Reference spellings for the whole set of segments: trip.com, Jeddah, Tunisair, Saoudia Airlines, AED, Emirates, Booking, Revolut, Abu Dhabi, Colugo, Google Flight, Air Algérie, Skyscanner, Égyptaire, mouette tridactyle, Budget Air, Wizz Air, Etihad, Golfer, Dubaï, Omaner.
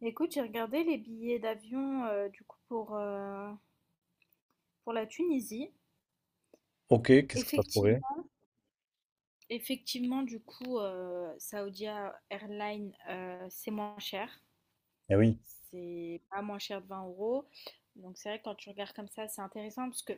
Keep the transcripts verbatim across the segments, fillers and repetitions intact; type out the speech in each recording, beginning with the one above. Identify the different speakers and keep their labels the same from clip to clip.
Speaker 1: Écoute, j'ai regardé les billets d'avion euh, du coup pour, euh, pour la Tunisie.
Speaker 2: Ok, qu'est-ce que t'as trouvé?
Speaker 1: Effectivement, effectivement, du coup, euh, Saoudia Airlines, euh, c'est moins cher.
Speaker 2: Eh oui.
Speaker 1: C'est pas moins cher de vingt euros. Donc c'est vrai que quand tu regardes comme ça, c'est intéressant parce que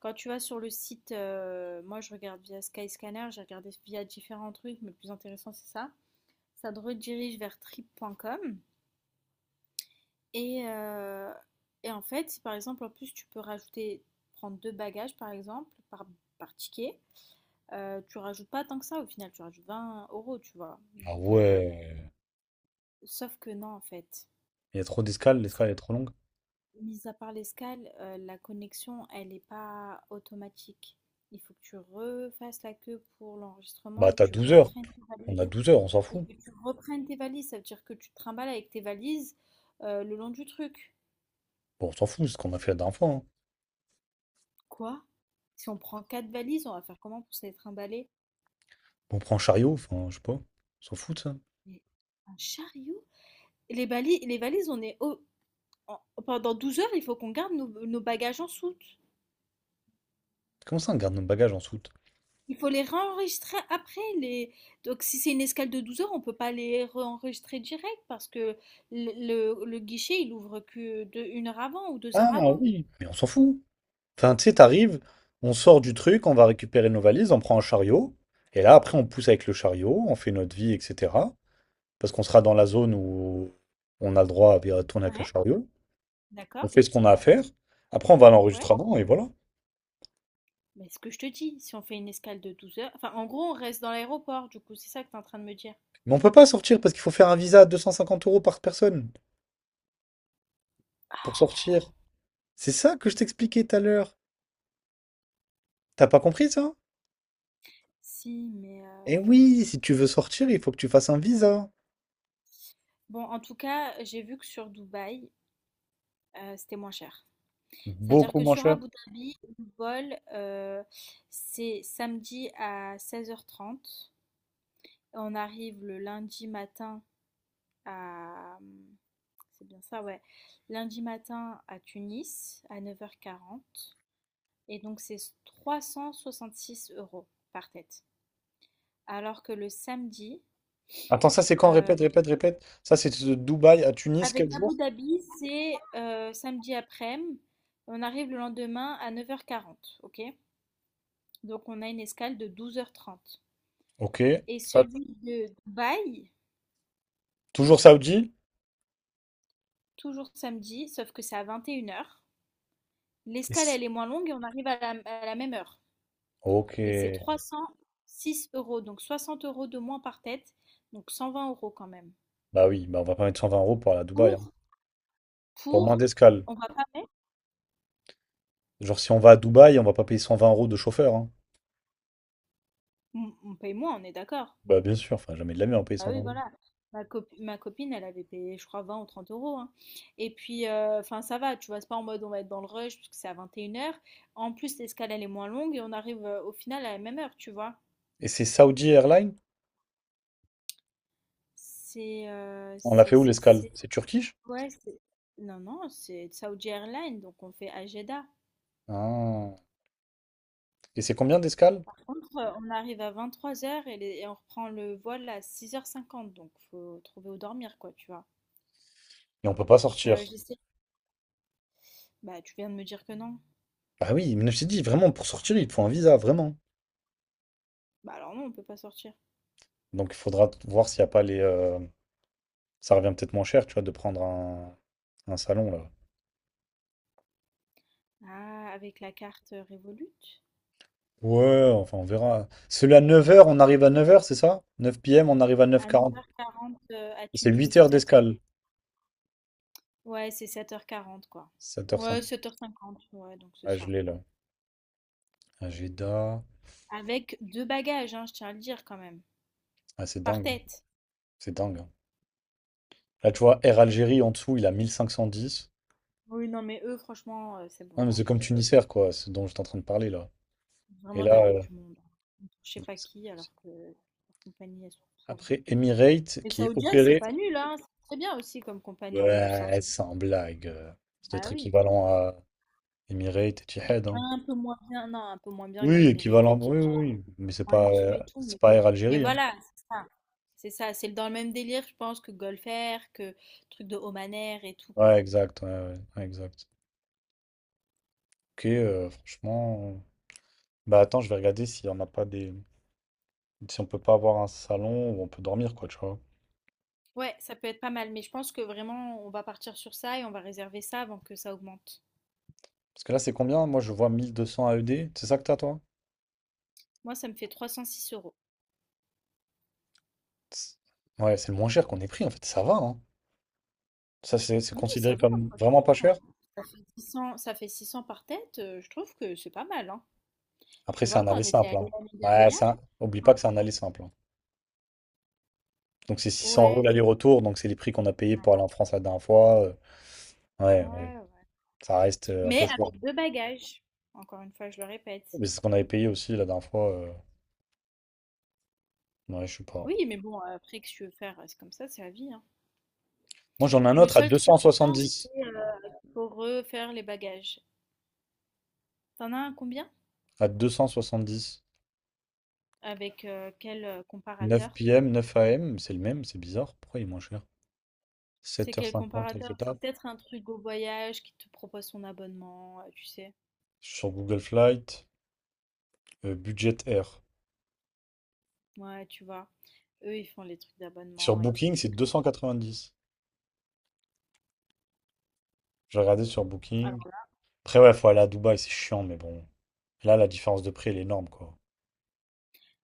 Speaker 1: quand tu vas sur le site, euh, moi je regarde via Skyscanner, j'ai regardé via différents trucs, mais le plus intéressant c'est ça. Ça te redirige vers trip point com. Et, euh, et en fait, si par exemple, en plus, tu peux rajouter, prendre deux bagages par exemple, par, par ticket, euh, tu rajoutes pas tant que ça au final, tu rajoutes vingt euros, tu vois.
Speaker 2: Ah
Speaker 1: Donc, euh,
Speaker 2: ouais.
Speaker 1: sauf que non, en fait,
Speaker 2: Il y a trop d'escales,
Speaker 1: c'est-
Speaker 2: l'escale est trop longue.
Speaker 1: mis à part l'escale, euh, la connexion, elle n'est pas automatique. Il faut que tu refasses la queue pour l'enregistrement
Speaker 2: Bah
Speaker 1: et que
Speaker 2: t'as
Speaker 1: tu
Speaker 2: douze heures.
Speaker 1: reprennes tes valises.
Speaker 2: On a douze heures, on s'en
Speaker 1: Et
Speaker 2: fout.
Speaker 1: que tu reprennes tes valises, ça veut dire que tu te trimbales avec tes valises euh, le long du truc.
Speaker 2: Bon, on s'en fout, c'est ce qu'on a fait la dernière fois, hein.
Speaker 1: Quoi? Si on prend quatre valises, on va faire comment pour se les trimballer?
Speaker 2: On prend un chariot, enfin, je sais pas. On s'en fout de ça.
Speaker 1: Mais un chariot? Et les bali- les valises, on est au- en- pendant douze heures, il faut qu'on garde nos, nos bagages en soute.
Speaker 2: Comment ça, on garde nos bagages en soute?
Speaker 1: Il faut les réenregistrer après les donc si c'est une escale de douze heures, on ne peut pas les réenregistrer direct parce que le, le- le guichet, il ouvre que de une heure avant ou deux
Speaker 2: Ah
Speaker 1: heures avant.
Speaker 2: oui. Mais on s'en fout. Enfin, tu sais, t'arrives, on sort du truc, on va récupérer nos valises, on prend un chariot. Et là, après, on pousse avec le chariot, on fait notre vie, et cetera. Parce qu'on sera dans la zone où on a le droit à tourner avec un
Speaker 1: Ouais.
Speaker 2: chariot. On
Speaker 1: D'accord?
Speaker 2: fait ce qu'on a à faire. Après, on va à
Speaker 1: Ouais.
Speaker 2: l'enregistrement et voilà.
Speaker 1: Mais ce que je te dis, si on fait une escale de douze heures, enfin en gros, on reste dans l'aéroport, du coup, c'est ça que tu es en train de me dire.
Speaker 2: Mais on peut pas sortir parce qu'il faut faire un visa à deux cent cinquante euros par personne pour sortir. C'est ça que je t'expliquais tout à l'heure. T'as pas compris ça?
Speaker 1: Si, mais euh,
Speaker 2: Eh oui, si tu veux sortir, il faut que tu fasses un visa.
Speaker 1: bon, en tout cas, j'ai vu que sur Dubaï, euh, c'était moins cher. C'est-à-dire
Speaker 2: Beaucoup
Speaker 1: que
Speaker 2: moins
Speaker 1: sur
Speaker 2: cher.
Speaker 1: Abu Dhabi, le vol, euh, c'est samedi à seize heures trente. On arrive le lundi matin à... euh, c'est bien ça, ouais. Lundi matin à Tunis à neuf heures quarante. Et donc, c'est trois cent soixante-six euros par tête. Alors que le samedi,
Speaker 2: Attends, ça c'est quand?
Speaker 1: euh,
Speaker 2: Répète, répète, répète. Ça c'est de Dubaï à Tunis,
Speaker 1: avec
Speaker 2: quel jour?
Speaker 1: Abu Dhabi, c'est euh, samedi après-midi. On arrive le lendemain à neuf heures quarante. Ok? Donc on a une escale de douze heures trente.
Speaker 2: Ok.
Speaker 1: Et
Speaker 2: Ça,
Speaker 1: celui de Dubaï,
Speaker 2: toujours Saoudi?
Speaker 1: toujours samedi, sauf que c'est à vingt et une heures. L'escale,
Speaker 2: Yes.
Speaker 1: elle est moins longue et on arrive à la, à la même heure.
Speaker 2: Ok.
Speaker 1: Et c'est trois cent six euros, donc soixante euros de moins par tête, donc cent vingt euros quand même.
Speaker 2: Bah oui, bah on va pas mettre cent vingt euros pour aller à Dubaï, hein.
Speaker 1: Pour,
Speaker 2: Pour moins
Speaker 1: pour,
Speaker 2: d'escale.
Speaker 1: on va pas mettre,
Speaker 2: Genre si on va à Dubaï, on va pas payer cent vingt euros de chauffeur, hein.
Speaker 1: on on paye moins, on est d'accord.
Speaker 2: Bah bien sûr, enfin jamais de la vie on va payer
Speaker 1: Bah
Speaker 2: 120
Speaker 1: oui,
Speaker 2: euros.
Speaker 1: voilà. Ma copi- ma copine, elle avait payé, je crois, vingt ou trente euros, hein. Et puis, euh, enfin, ça va, tu vois, c'est pas en mode on va être dans le rush parce que c'est à vingt et une heures. En plus, l'escale, elle est moins longue et on arrive euh, au final à la même heure, tu vois.
Speaker 2: Et c'est Saudi Airlines?
Speaker 1: C'est. Euh,
Speaker 2: On l'a
Speaker 1: c'est.
Speaker 2: fait où
Speaker 1: C'est-
Speaker 2: l'escale?
Speaker 1: c'est-
Speaker 2: C'est Turquie?
Speaker 1: Ouais, c'est. Non, non, c'est Saudi Airlines, donc on fait à Jeddah.
Speaker 2: Ah. Et c'est combien d'escale?
Speaker 1: Par contre, euh, on arrive à vingt-trois heures et, les- et on reprend le vol à six heures cinquante. Donc faut trouver où dormir, quoi, tu vois.
Speaker 2: Et on peut pas
Speaker 1: Donc,
Speaker 2: sortir.
Speaker 1: euh, j'essaie. Bah, tu viens de me dire que non.
Speaker 2: Ah oui, mais je t'ai dit, vraiment, pour sortir, il te faut un visa, vraiment.
Speaker 1: Bah, alors non, on peut pas sortir.
Speaker 2: Donc il faudra voir s'il n'y a pas les, euh, ça revient peut-être moins cher, tu vois, de prendre un, un salon là.
Speaker 1: Ah, avec la carte, heu, Revolut?
Speaker 2: Ouais, enfin on verra. Celui à neuf heures, on arrive à neuf heures, c'est ça? neuf p m, on arrive à
Speaker 1: À
Speaker 2: neuf heures quarante.
Speaker 1: neuf heures quarante, heu, à
Speaker 2: C'est
Speaker 1: Tunis,
Speaker 2: huit
Speaker 1: tout
Speaker 2: heures
Speaker 1: à fait.
Speaker 2: d'escale.
Speaker 1: Ouais, c'est sept heures quarante quoi.
Speaker 2: sept heures cinq.
Speaker 1: Ouais, sept heures cinquante, ouais, donc c'est
Speaker 2: Ah, je
Speaker 1: ça.
Speaker 2: l'ai là. Agenda.
Speaker 1: Avec deux bagages, hein, je tiens à le dire quand même,
Speaker 2: Ah, c'est
Speaker 1: par
Speaker 2: dingue.
Speaker 1: tête.
Speaker 2: C'est dingue, hein. Là, tu vois, Air Algérie en dessous, il a quinze dix.
Speaker 1: Oui, non, mais eux, franchement, heu, c'est bon,
Speaker 2: Ah, mais
Speaker 1: moi
Speaker 2: c'est comme
Speaker 1: je
Speaker 2: Tunisair, quoi, ce dont j'étais en train de parler là. Et
Speaker 1: vraiment de la
Speaker 2: là,
Speaker 1: gueule
Speaker 2: euh,
Speaker 1: du monde, hein. Je sais
Speaker 2: non,
Speaker 1: pas
Speaker 2: c'est
Speaker 1: qui,
Speaker 2: abusé.
Speaker 1: alors que leurs compagnies, elles sont pourries.
Speaker 2: Après, Emirates
Speaker 1: Les
Speaker 2: qui est
Speaker 1: saoudiennes, c'est
Speaker 2: opéré,
Speaker 1: pas nul, hein, c'est très bien aussi comme compagnie en plus, hein.
Speaker 2: ouais, sans blague. euh, Ça doit
Speaker 1: Ah
Speaker 2: être
Speaker 1: oui,
Speaker 2: équivalent à Emirates et Etihad, hein.
Speaker 1: un peu moins bien, non, un peu moins bien que
Speaker 2: Oui,
Speaker 1: Emirates et
Speaker 2: équivalent,
Speaker 1: tout,
Speaker 2: oui, oui, oui, mais c'est
Speaker 1: moins
Speaker 2: pas,
Speaker 1: luxueux
Speaker 2: euh,
Speaker 1: et tout,
Speaker 2: c'est
Speaker 1: mais
Speaker 2: pas Air
Speaker 1: mais
Speaker 2: Algérie, hein.
Speaker 1: voilà, c'est ça. C'est ça, c'est dans le même délire, je pense, que Golfer, que truc de Omaner et tout,
Speaker 2: Ouais,
Speaker 1: quoi.
Speaker 2: exact, ouais, ouais, ouais, exact. Ok, euh, franchement, euh, bah attends, je vais regarder si on n'a pas des, si on peut pas avoir un salon où on peut dormir, quoi, tu vois.
Speaker 1: Ouais, ça peut être pas mal, mais je pense que vraiment, on va partir sur ça et on va réserver ça avant que ça augmente.
Speaker 2: Parce que là, c'est combien? Moi, je vois mille deux cents A E D. C'est ça que t'as, toi?
Speaker 1: Moi, ça me fait trois cent six euros.
Speaker 2: C'est- Ouais, c'est le moins cher qu'on ait pris, en fait. Ça va, hein. Ça, c'est c'est
Speaker 1: Oui,
Speaker 2: considéré
Speaker 1: ça va,
Speaker 2: comme vraiment pas
Speaker 1: franchement.
Speaker 2: cher?
Speaker 1: Ça fait six cents, ça fait six cents par tête, euh, je trouve que c'est pas mal, hein. Tu
Speaker 2: Après, c'est
Speaker 1: vois,
Speaker 2: un
Speaker 1: quand
Speaker 2: aller
Speaker 1: on était
Speaker 2: simple,
Speaker 1: allé
Speaker 2: hein.
Speaker 1: l'année
Speaker 2: Ouais, c'est
Speaker 1: dernière,
Speaker 2: un- Oublie pas que c'est un aller simple, hein. Donc, c'est six cents euros
Speaker 1: ouais, c'est
Speaker 2: l'aller-retour. Donc, c'est les prix qu'on a payés pour
Speaker 1: vrai.
Speaker 2: aller en France la dernière fois. euh, Ouais, ouais.
Speaker 1: Ouais, ouais.
Speaker 2: Ça reste euh, un peu
Speaker 1: Mais
Speaker 2: choquant.
Speaker 1: avec deux bagages, encore une fois, je le répète.
Speaker 2: Mais c'est ce qu'on avait payé aussi la dernière fois. euh, Ouais, je sais pas.
Speaker 1: Oui, mais bon, après, que tu veux faire, euh, c'est comme ça, c'est la vie, hein.
Speaker 2: Moi, j'en ai un
Speaker 1: Le
Speaker 2: autre à
Speaker 1: seul truc
Speaker 2: deux cent soixante-dix.
Speaker 1: chiant, pour refaire les bagages. T'en as un combien?
Speaker 2: À deux cent soixante-dix.
Speaker 1: Avec euh, quel euh,
Speaker 2: 9
Speaker 1: comparateur?
Speaker 2: p.m., neuf a m. C'est le même, c'est bizarre. Pourquoi il est moins cher?
Speaker 1: C'est quel
Speaker 2: sept heures cinquante à
Speaker 1: comparateur? C'est
Speaker 2: l'étape.
Speaker 1: peut-être un truc au voyage qui te propose son abonnement, euh, tu sais.
Speaker 2: Sur Google Flight, euh, Budget Air.
Speaker 1: Ouais, tu vois. Eux, ils font les trucs
Speaker 2: Sur
Speaker 1: d'abonnement et tout.
Speaker 2: Booking, c'est
Speaker 1: Donc, euh,
Speaker 2: deux cent quatre-vingt-dix. J'ai regardé sur Booking.
Speaker 1: alors,
Speaker 2: Après, ouais, faut aller à Dubaï, c'est chiant, mais bon. Là, la différence de prix, elle est énorme, quoi.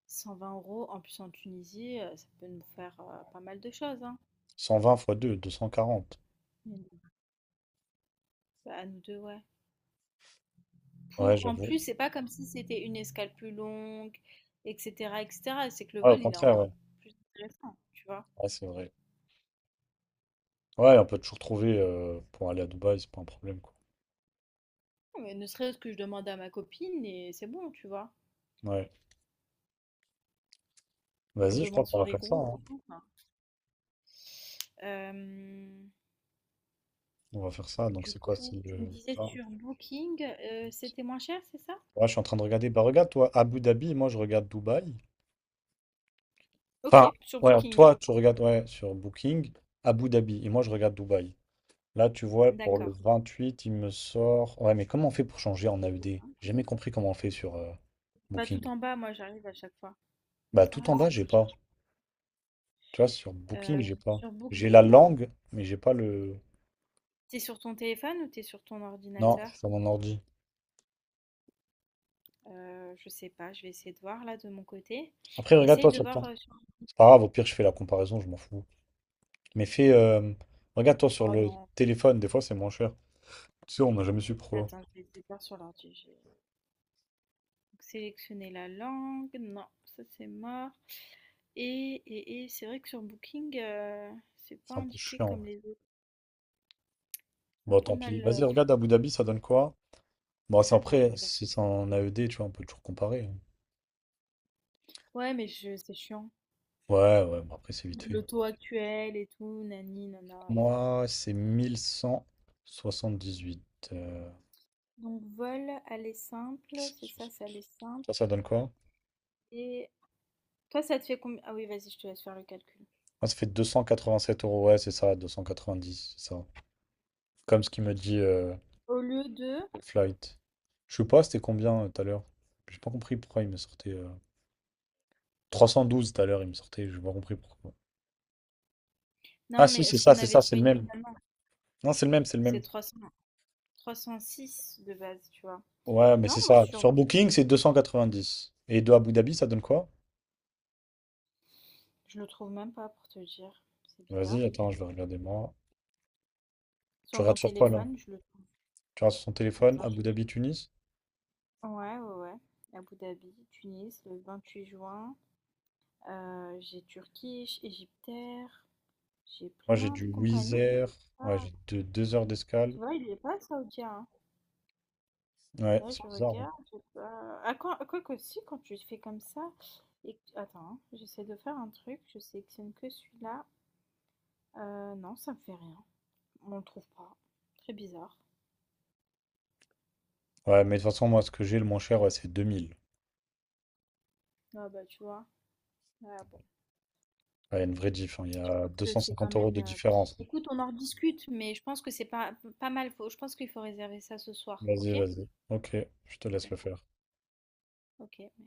Speaker 1: cent vingt euros, en plus en Tunisie, euh, ça peut nous faire euh, pas mal de choses, hein.
Speaker 2: Cent vingt fois deux, deux cent quarante.
Speaker 1: Mais nous- bah, à nous deux, ouais.
Speaker 2: Ouais,
Speaker 1: Pour, en
Speaker 2: j'avoue.
Speaker 1: plus, c'est pas comme si c'était une escale plus longue, et cetera, et cetera. C'est que le
Speaker 2: Ouais, au
Speaker 1: vol, il est
Speaker 2: contraire,
Speaker 1: encore
Speaker 2: ouais.
Speaker 1: plus intéressant, tu vois.
Speaker 2: Ouais, c'est vrai. Ouais, on peut toujours trouver euh, pour aller à Dubaï, c'est pas un problème, quoi.
Speaker 1: Mais ne serait-ce que je demande à ma copine et c'est bon, tu vois.
Speaker 2: Ouais.
Speaker 1: Ou on
Speaker 2: Vas-y, je
Speaker 1: demande
Speaker 2: crois qu'on
Speaker 1: sur
Speaker 2: va
Speaker 1: les
Speaker 2: faire ça,
Speaker 1: groupes
Speaker 2: hein.
Speaker 1: et tout, enfin. Euh,
Speaker 2: On va faire ça. Donc,
Speaker 1: du
Speaker 2: c'est quoi? C'est
Speaker 1: coup, tu me
Speaker 2: le
Speaker 1: disais
Speaker 2: vingt.
Speaker 1: sur Booking, euh, c'était moins cher, c'est ça?
Speaker 2: Ouais, je suis en train de regarder. Bah, regarde, toi, Abu Dhabi, moi, je regarde Dubaï.
Speaker 1: Ok,
Speaker 2: Enfin,
Speaker 1: sur
Speaker 2: ouais,
Speaker 1: Booking, hein.
Speaker 2: toi, tu regardes, ouais, sur Booking, Abu Dhabi. Et moi, je regarde Dubaï. Là, tu vois, pour le
Speaker 1: D'accord.
Speaker 2: vingt-huit il me sort. Ouais, mais comment on fait pour changer en A E D? J'ai jamais compris comment on fait sur euh,
Speaker 1: Bah tout
Speaker 2: Booking.
Speaker 1: en bas, moi j'arrive à chaque fois.
Speaker 2: Bah, tout
Speaker 1: Ah,
Speaker 2: en bas,
Speaker 1: ça
Speaker 2: j'ai
Speaker 1: marche
Speaker 2: pas. Tu vois, sur
Speaker 1: pas. Euh,
Speaker 2: Booking, j'ai pas.
Speaker 1: sur
Speaker 2: J'ai la
Speaker 1: Booking,
Speaker 2: langue, mais j'ai pas le.
Speaker 1: t'es sur ton téléphone ou t'es sur ton
Speaker 2: Non, je
Speaker 1: ordinateur?
Speaker 2: suis sur mon ordi.
Speaker 1: Euh, je sais pas, je vais essayer de voir là de mon côté.
Speaker 2: Après,
Speaker 1: Essaye
Speaker 2: regarde-toi
Speaker 1: de
Speaker 2: sur
Speaker 1: voir
Speaker 2: ton.
Speaker 1: euh, sur...
Speaker 2: C'est pas grave, au pire, je fais la comparaison, je m'en fous. Mais fais. Euh, Regarde-toi sur
Speaker 1: Oh
Speaker 2: le
Speaker 1: non,
Speaker 2: téléphone, des fois, c'est moins cher. Tu sais, on n'a jamais su pourquoi.
Speaker 1: attends, je vais essayer de voir sur l'ordi. Donc, sélectionner la langue, non, ça c'est mort. Et, et, et c'est vrai que sur Booking, euh, c'est pas
Speaker 2: C'est un peu
Speaker 1: indiqué
Speaker 2: chiant, ouais.
Speaker 1: comme les autres. C'est un
Speaker 2: Bon,
Speaker 1: peu
Speaker 2: tant pis.
Speaker 1: mal.
Speaker 2: Vas-y,
Speaker 1: euh, fou-
Speaker 2: regarde Abu Dhabi, ça donne quoi? Bon, c'est
Speaker 1: Attends, je
Speaker 2: après,
Speaker 1: regarde sur
Speaker 2: si c'est
Speaker 1: Booking.
Speaker 2: en A E D, tu vois, on peut toujours comparer, hein.
Speaker 1: Ouais, mais je, c'est chiant.
Speaker 2: Ouais, ouais, bon, après, c'est vite
Speaker 1: Le
Speaker 2: fait.
Speaker 1: taux actuel et tout, nani, nana, c'est
Speaker 2: Moi, c'est mille cent soixante-dix-huit. euh,
Speaker 1: bon. Donc, vol, aller simple, c'est ça, c'est aller simple.
Speaker 2: Ça, ça donne quoi?
Speaker 1: Et toi, ça te fait combien? Ah oui, vas-y, je te laisse faire le calcul.
Speaker 2: Ah, ça fait deux cent quatre-vingt-sept euros, ouais, c'est ça, deux cent quatre-vingt-dix, c'est ça. Comme ce qu'il me dit euh,
Speaker 1: Au lieu de.
Speaker 2: Flight. Je sais pas, c'était combien euh, tout à l'heure? J'ai pas compris pourquoi il me sortait. Euh, trois cent douze tout à l'heure, il me sortait, j'ai pas compris pourquoi. Ah,
Speaker 1: Non,
Speaker 2: si,
Speaker 1: mais
Speaker 2: c'est
Speaker 1: est-ce
Speaker 2: ça,
Speaker 1: qu'on
Speaker 2: c'est
Speaker 1: avait
Speaker 2: ça, c'est le
Speaker 1: trouvé
Speaker 2: même.
Speaker 1: initialement?
Speaker 2: Non, c'est le même, c'est le même.
Speaker 1: C'est trois cents, trois cent six de base, tu vois.
Speaker 2: Ouais, mais
Speaker 1: Non,
Speaker 2: c'est
Speaker 1: moi
Speaker 2: ça.
Speaker 1: sur
Speaker 2: Sur Booking, c'est deux cent quatre-vingt-dix. Et de Abu Dhabi, ça donne quoi?
Speaker 1: Je le trouve même pas pour te dire, c'est
Speaker 2: Vas-y,
Speaker 1: bizarre.
Speaker 2: attends, je vais regarder moi. Tu
Speaker 1: Sur mon
Speaker 2: regardes sur quoi là?
Speaker 1: téléphone, je le trouve.
Speaker 2: Tu regardes sur son téléphone,
Speaker 1: Attends,
Speaker 2: Abu
Speaker 1: je...
Speaker 2: Dhabi, Tunis?
Speaker 1: Ouais, ouais, ouais. Abu Dhabi, Tunis, le vingt-huit juin. Euh, j'ai Turquie, Égyptaire. J'ai
Speaker 2: Moi, j'ai
Speaker 1: plein de
Speaker 2: du Wizz
Speaker 1: compagnies, mais j'ai
Speaker 2: Air. Ouais,
Speaker 1: pas-
Speaker 2: j'ai deux, deux heures d'escale.
Speaker 1: Tu vois, il est pas saoudien, hein.
Speaker 2: Ouais,
Speaker 1: Là,
Speaker 2: c'est
Speaker 1: je
Speaker 2: bizarre, hein.
Speaker 1: regarde, j'ai pas- Ah, quoi, quoi que si, quand tu fais comme ça. Et... que- Attends, hein, j'essaie de faire un truc. Je sélectionne que celui-là. Euh, non, ça me fait rien. On le trouve pas. Très bizarre.
Speaker 2: Ouais, mais de toute façon, moi, ce que j'ai le moins cher, ouais, c'est deux mille.
Speaker 1: Ah bah, tu vois. Ah bon.
Speaker 2: Ouais, Il y a une vraie diff, hein. Il y
Speaker 1: Je
Speaker 2: a
Speaker 1: trouve
Speaker 2: deux
Speaker 1: que
Speaker 2: cent
Speaker 1: c'est quand
Speaker 2: cinquante euros
Speaker 1: même.
Speaker 2: de
Speaker 1: euh,
Speaker 2: différence.
Speaker 1: Écoute, on en rediscute, mais je pense que c'est pas, pas mal. Faut- Je pense qu'il faut réserver ça ce soir,
Speaker 2: Vas-y,
Speaker 1: ok?
Speaker 2: vas-y. Ok, je te laisse le faire.
Speaker 1: Ok.